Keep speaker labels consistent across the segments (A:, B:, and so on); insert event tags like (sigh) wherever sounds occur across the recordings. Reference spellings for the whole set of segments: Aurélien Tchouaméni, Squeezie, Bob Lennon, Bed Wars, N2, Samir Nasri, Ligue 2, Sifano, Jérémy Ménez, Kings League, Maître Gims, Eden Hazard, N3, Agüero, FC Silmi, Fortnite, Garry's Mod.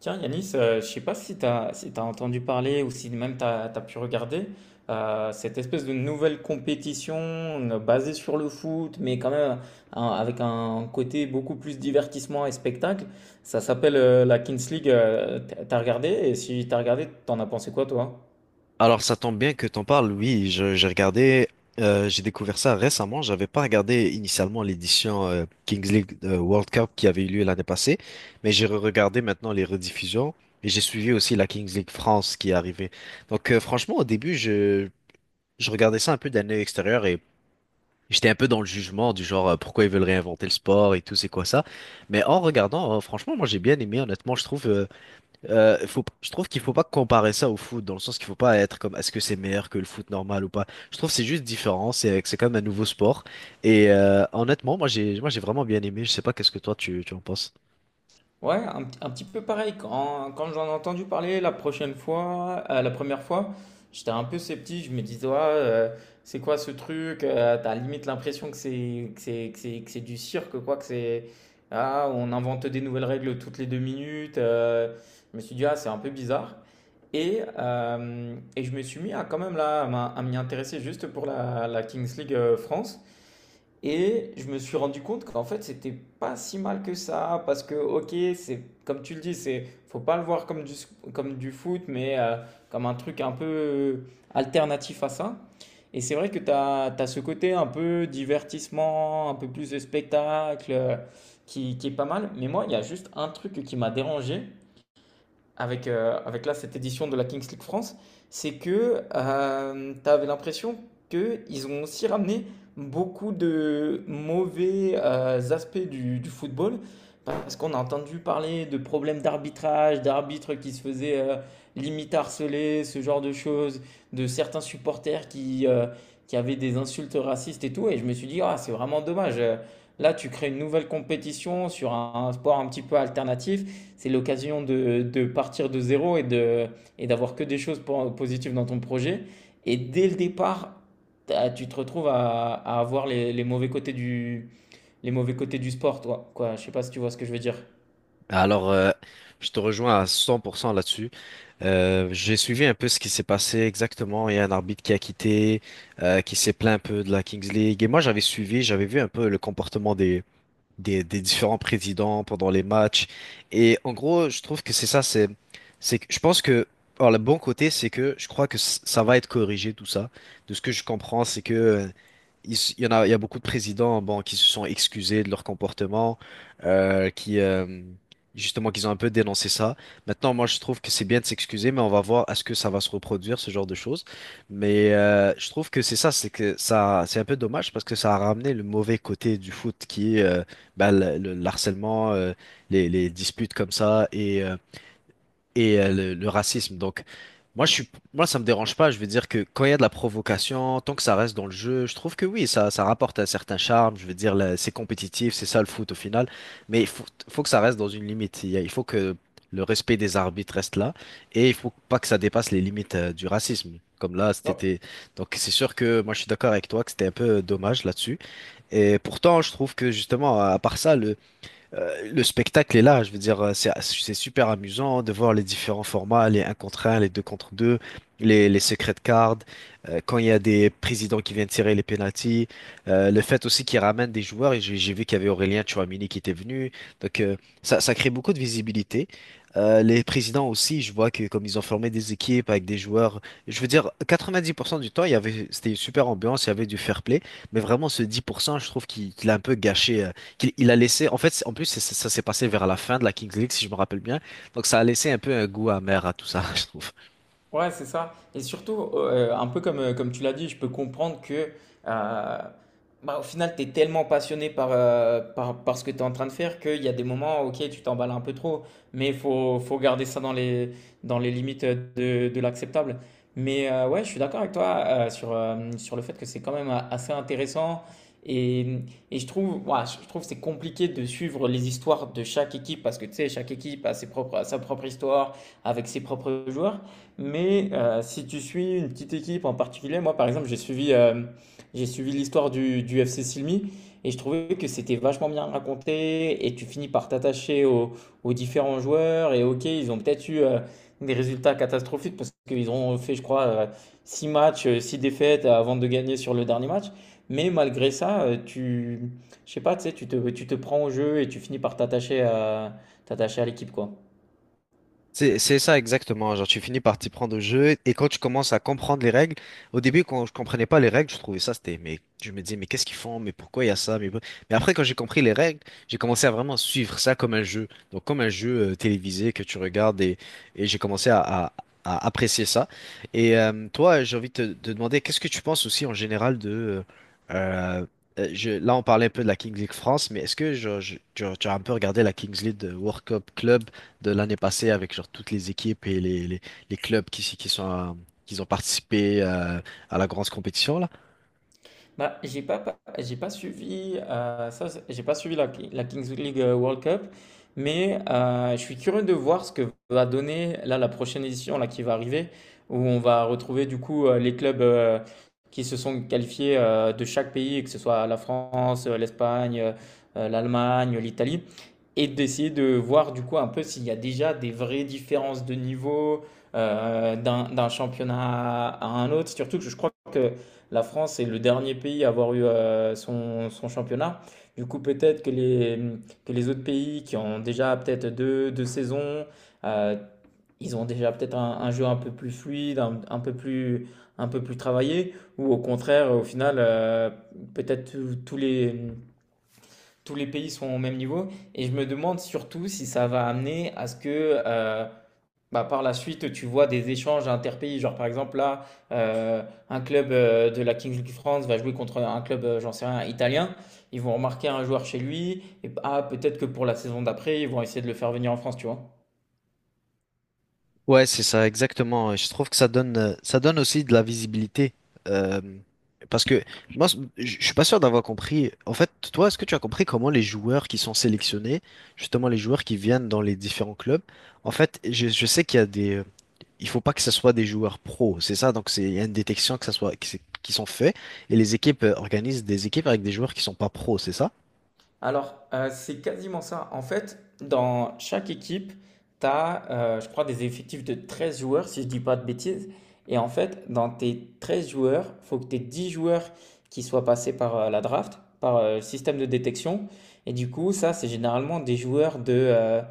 A: Tiens, Yanis, je sais pas si tu as, si t'as entendu parler ou si même tu as, pu regarder cette espèce de nouvelle compétition basée sur le foot, mais quand même avec un côté beaucoup plus divertissement et spectacle. Ça s'appelle la Kings League. T'as regardé? Et si t'as regardé, t'en as pensé quoi, toi?
B: Alors ça tombe bien que t'en parles, oui, j'ai regardé, j'ai découvert ça récemment. J'avais pas regardé initialement l'édition Kings League World Cup qui avait eu lieu l'année passée, mais j'ai regardé maintenant les rediffusions et j'ai suivi aussi la Kings League France qui est arrivée. Donc franchement au début je regardais ça un peu d'un œil extérieur et j'étais un peu dans le jugement du genre pourquoi ils veulent réinventer le sport et tout, c'est quoi ça? Mais en regardant, franchement moi j'ai bien aimé, honnêtement je trouve qu'il faut pas comparer ça au foot, dans le sens qu'il faut pas être comme est-ce que c'est meilleur que le foot normal ou pas. Je trouve que c'est juste différent, c'est quand même un nouveau sport. Et honnêtement, moi j'ai vraiment bien aimé. Je sais pas qu'est-ce que tu en penses.
A: Ouais, un petit peu pareil. Quand j'en ai entendu parler la prochaine fois, la première fois, j'étais un peu sceptique. Je me disais, ouais, c'est quoi ce truc? T'as limite l'impression que c'est du cirque, quoi. Que c'est ah, on invente des nouvelles règles toutes les deux minutes. Je me suis dit, ah, c'est un peu bizarre. Et je me suis mis à quand même là à m'y intéresser juste pour la Kings League France. Et je me suis rendu compte qu'en fait, c'était pas si mal que ça, parce que, ok, c'est comme tu le dis, c'est faut pas le voir comme comme du foot, mais comme un truc un peu alternatif à ça. Et c'est vrai que tu as, ce côté un peu divertissement, un peu plus de spectacle, qui est pas mal. Mais moi, il y a juste un truc qui m'a dérangé, avec là, cette édition de la Kings League France, c'est que, tu avais l'impression qu'ils ont aussi ramené beaucoup de mauvais, aspects du football. Parce qu'on a entendu parler de problèmes d'arbitrage, d'arbitres qui se faisaient, limite harceler, ce genre de choses, de certains supporters qui avaient des insultes racistes et tout. Et je me suis dit: «Ah, c'est vraiment dommage, là tu crées une nouvelle compétition sur un sport un petit peu alternatif, c'est l'occasion de partir de zéro et de, et d'avoir que des choses positives dans ton projet. Et dès le départ, tu te retrouves à avoir les mauvais côtés du, les mauvais côtés du sport, toi. Quoi, je ne sais pas si tu vois ce que je veux dire.
B: Alors, je te rejoins à 100% là-dessus. J'ai suivi un peu ce qui s'est passé exactement. Il y a un arbitre qui a quitté, qui s'est plaint un peu de la Kings League. Et moi j'avais suivi, j'avais vu un peu le comportement des différents présidents pendant les matchs. Et en gros, je trouve que c'est ça, c'est que je pense que, alors le bon côté, c'est que je crois que ça va être corrigé tout ça. De ce que je comprends, c'est que il y a beaucoup de présidents, bon, qui se sont excusés de leur comportement, qui justement, qu'ils ont un peu dénoncé ça. Maintenant, moi, je trouve que c'est bien de s'excuser, mais on va voir à ce que ça va se reproduire, ce genre de choses. Mais je trouve que c'est ça, c'est que ça, c'est un peu dommage parce que ça a ramené le mauvais côté du foot qui est bah, le harcèlement, les disputes comme ça et le racisme. Donc, moi, ça me dérange pas. Je veux dire que quand il y a de la provocation, tant que ça reste dans le jeu, je trouve que oui, ça rapporte un certain charme. Je veux dire, là, c'est compétitif, c'est ça le foot au final. Mais faut que ça reste dans une limite. Il faut que le respect des arbitres reste là et il faut pas que ça dépasse les limites, du racisme. Comme là,
A: Oh,
B: c'était. Donc, c'est sûr que moi, je suis d'accord avec toi que c'était un peu dommage là-dessus. Et pourtant, je trouve que justement, à part ça, le spectacle est là, je veux dire, c'est super amusant de voir les différents formats, les un contre un, les 2 contre 2, les secret cards, quand il y a des présidents qui viennent tirer les pénaltys, le fait aussi qu'ils ramènent des joueurs, et j'ai vu qu'il y avait Aurélien Tchouameni qui était venu, donc ça crée beaucoup de visibilité. Les présidents aussi, je vois que comme ils ont formé des équipes avec des joueurs, je veux dire, 90% du temps, c'était une super ambiance, il y avait du fair play, mais vraiment ce 10%, je trouve qu'il a un peu gâché. Qu'il il a laissé, en fait, en plus, ça s'est passé vers la fin de la Kings League, si je me rappelle bien. Donc, ça a laissé un peu un goût amer à tout ça, (laughs) je trouve.
A: ouais, c'est ça. Et surtout, un peu comme, comme tu l'as dit, je peux comprendre que euh, bah, au final, tu es tellement passionné par, par ce que tu es en train de faire qu'il y a des moments, ok, tu t'emballes un peu trop, mais il faut, faut garder ça dans dans les limites de l'acceptable. Mais ouais, je suis d'accord avec toi sur le fait que c'est quand même assez intéressant. Et, et je trouve, ouais, je trouve que c'est compliqué de suivre les histoires de chaque équipe parce que tu sais, chaque équipe a sa propre histoire avec ses propres joueurs. Mais si tu suis une petite équipe en particulier, moi par exemple, j'ai suivi l'histoire du FC Silmi et je trouvais que c'était vachement bien raconté et tu finis par aux différents joueurs. Et ok, ils ont peut-être eu des résultats catastrophiques parce qu'ils ont fait, je crois, 6 matchs, 6 défaites avant de gagner sur le dernier match. Mais malgré ça, je sais pas, tu sais, tu te prends au jeu et tu finis par t'attacher à l'équipe, quoi.
B: C'est ça exactement, genre tu finis par t'y prendre au jeu et quand tu commences à comprendre les règles, au début quand je comprenais pas les règles, je trouvais ça c'était mais je me disais mais qu'est-ce qu'ils font, mais pourquoi il y a ça, mais après quand j'ai compris les règles, j'ai commencé à vraiment suivre ça comme un jeu, donc comme un jeu télévisé que tu regardes et j'ai commencé à apprécier ça. Et toi, j'ai envie de te de demander qu'est-ce que tu penses aussi en général de euh, là on parlait un peu de la Kings League France, mais est-ce que genre, tu as un peu regardé la Kings League de World Cup Club de l'année passée avec genre toutes les équipes et les clubs qui sont qui ont participé à la grande compétition là.
A: Bah, j'ai pas suivi, j'ai pas suivi la Kings League World Cup, mais je suis curieux de voir ce que va donner là la prochaine édition là qui va arriver, où on va retrouver du coup les clubs qui se sont qualifiés de chaque pays, que ce soit la France, l'Espagne, l'Allemagne, l'Italie, et d'essayer de voir du coup un peu s'il y a déjà des vraies différences de niveau d'un championnat à un autre. Surtout que je crois que la France est le dernier pays à avoir eu son championnat. Du coup, peut-être que que les autres pays qui ont déjà peut-être deux saisons, euh, ils ont déjà peut-être un jeu un peu plus fluide, un peu plus travaillé, ou au contraire, au final, peut-être tous les pays sont au même niveau. Et je me demande surtout si ça va amener à ce que bah, par la suite, tu vois des échanges interpays. Genre, par exemple, euh, un club de la Kings League France va jouer contre un club, j'en sais rien, italien. Ils vont remarquer un joueur chez lui. Et ah, peut-être que pour la saison d'après, ils vont essayer de le faire venir en France, tu vois.
B: Ouais, c'est ça exactement. Et je trouve que ça donne aussi de la visibilité. Euh, parce que moi je suis pas sûr d'avoir compris. En fait, toi, est-ce que tu as compris comment les joueurs qui sont sélectionnés, justement les joueurs qui viennent dans les différents clubs, en fait, je sais qu'il y a des il faut pas que ce soit des joueurs pros, c'est ça. Donc c'est il y a une détection que ça soit qui sont faits et les équipes organisent des équipes avec des joueurs qui sont pas pros, c'est ça?
A: Alors, c'est quasiment ça. En fait, dans chaque équipe, tu as, je crois des effectifs de 13 joueurs, si je dis pas de bêtises, et en fait, dans tes 13 joueurs, il faut que tu aies 10 joueurs qui soient passés par, la draft, par, le système de détection, et du coup, ça, c'est généralement des joueurs de,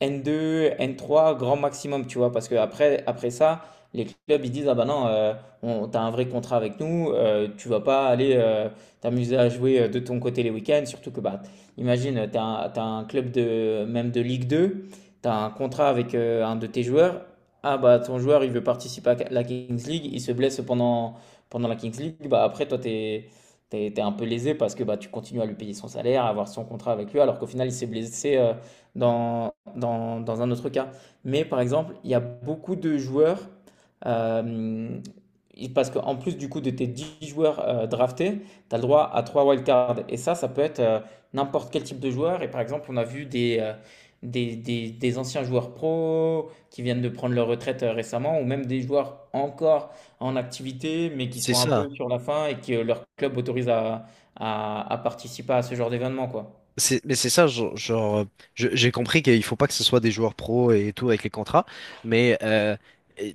A: N2, N3, grand maximum, tu vois, parce après ça, les clubs ils disent, ah bah non, t'as un vrai contrat avec nous, tu vas pas aller t'amuser à jouer de ton côté les week-ends, surtout que bah, imagine, t'as un club de même de Ligue 2, t'as un contrat avec un de tes joueurs, ah bah ton joueur il veut participer à la Kings League, il se blesse pendant, pendant la Kings League, bah après t'es un peu lésé parce que bah, tu continues à lui payer son salaire, à avoir son contrat avec lui, alors qu'au final il s'est blessé dans un autre cas. Mais par exemple, il y a beaucoup de joueurs, euh, parce qu'en plus du coup de tes 10 joueurs draftés, tu as le droit à 3 wildcards. Et ça peut être n'importe quel type de joueur. Et par exemple, on a vu des anciens joueurs pro qui viennent de prendre leur retraite récemment, ou même des joueurs encore en activité, mais qui
B: C'est
A: sont un
B: ça.
A: peu sur la fin et que leur club autorise à participer à ce genre d'événement, quoi.
B: Mais c'est ça, genre, j'ai compris qu'il faut pas que ce soit des joueurs pros et tout avec les contrats, mais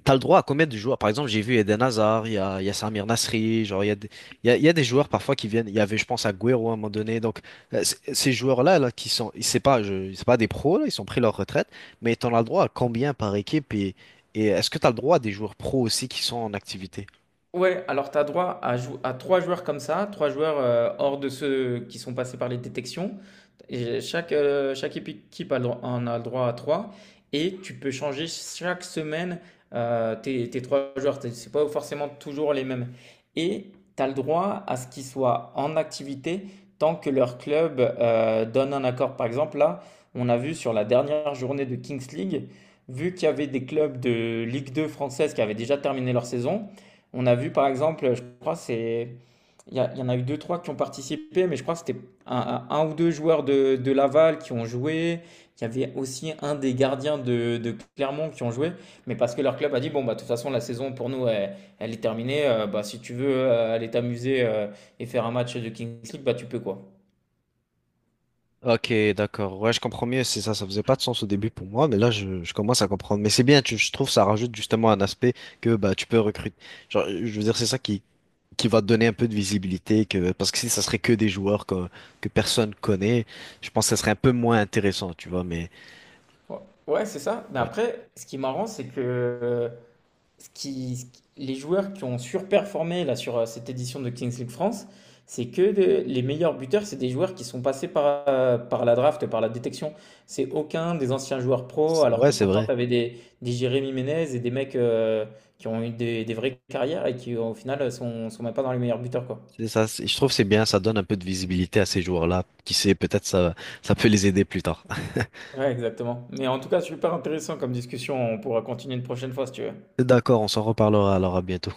B: t'as le droit à combien de joueurs? Par exemple, j'ai vu Eden Hazard, il y a Samir Nasri, genre, il y a des joueurs parfois qui viennent, il y avait, je pense, Agüero à un moment donné, donc ces joueurs-là, là, qui sont, c'est pas des pros, là, ils ont pris leur retraite, mais t'en as le droit à combien par équipe et est-ce que t'as le droit à des joueurs pros aussi qui sont en activité?
A: Ouais, alors tu as droit à trois joueurs comme ça, 3 joueurs hors de ceux qui sont passés par les détections. Et chaque équipe en a le droit à 3. Et tu peux changer chaque semaine tes 3 joueurs. C'est pas forcément toujours les mêmes. Et tu as le droit à ce qu'ils soient en activité tant que leur club donne un accord. Par exemple, là, on a vu sur la dernière journée de Kings League, vu qu'il y avait des clubs de Ligue 2 française qui avaient déjà terminé leur saison. On a vu par exemple, je crois c'est il y en a eu deux trois qui ont participé, mais je crois que c'était un ou deux joueurs de Laval qui ont joué. Il y avait aussi un des gardiens de Clermont qui ont joué, mais parce que leur club a dit bon bah de toute façon la saison pour nous elle, elle est terminée. Bah si tu veux aller t'amuser et faire un match de Kings League bah tu peux quoi.
B: Ok, d'accord. Ouais, je comprends mieux. C'est ça, ça faisait pas de sens au début pour moi, mais là, je commence à comprendre. Mais c'est bien, je trouve, ça rajoute justement un aspect que bah tu peux recruter. Genre, je veux dire, c'est ça qui va te donner un peu de visibilité, que parce que si ça serait que des joueurs que personne connaît, je pense que ça serait un peu moins intéressant, tu vois. Mais
A: Ouais, ouais, c'est ça. Mais
B: ouais,
A: après ce qui est marrant c'est que les joueurs qui ont surperformé là sur cette édition de Kings League France, c'est que les meilleurs buteurs, c'est des joueurs qui sont passés par la draft, par la détection. C'est aucun des anciens joueurs pro, alors
B: Ouais,
A: que
B: c'est
A: pourtant tu
B: vrai.
A: avais des Jérémy Ménez et des mecs qui ont eu des vraies carrières et qui au final sont même pas dans les meilleurs buteurs quoi.
B: C'est ça. Je trouve que c'est bien, ça donne un peu de visibilité à ces joueurs-là. Qui sait, peut-être ça peut les aider plus tard. (laughs)
A: Ouais, exactement. Mais en tout cas, super intéressant comme discussion. On pourra continuer une prochaine fois si tu veux.
B: D'accord, on s'en reparlera alors à bientôt.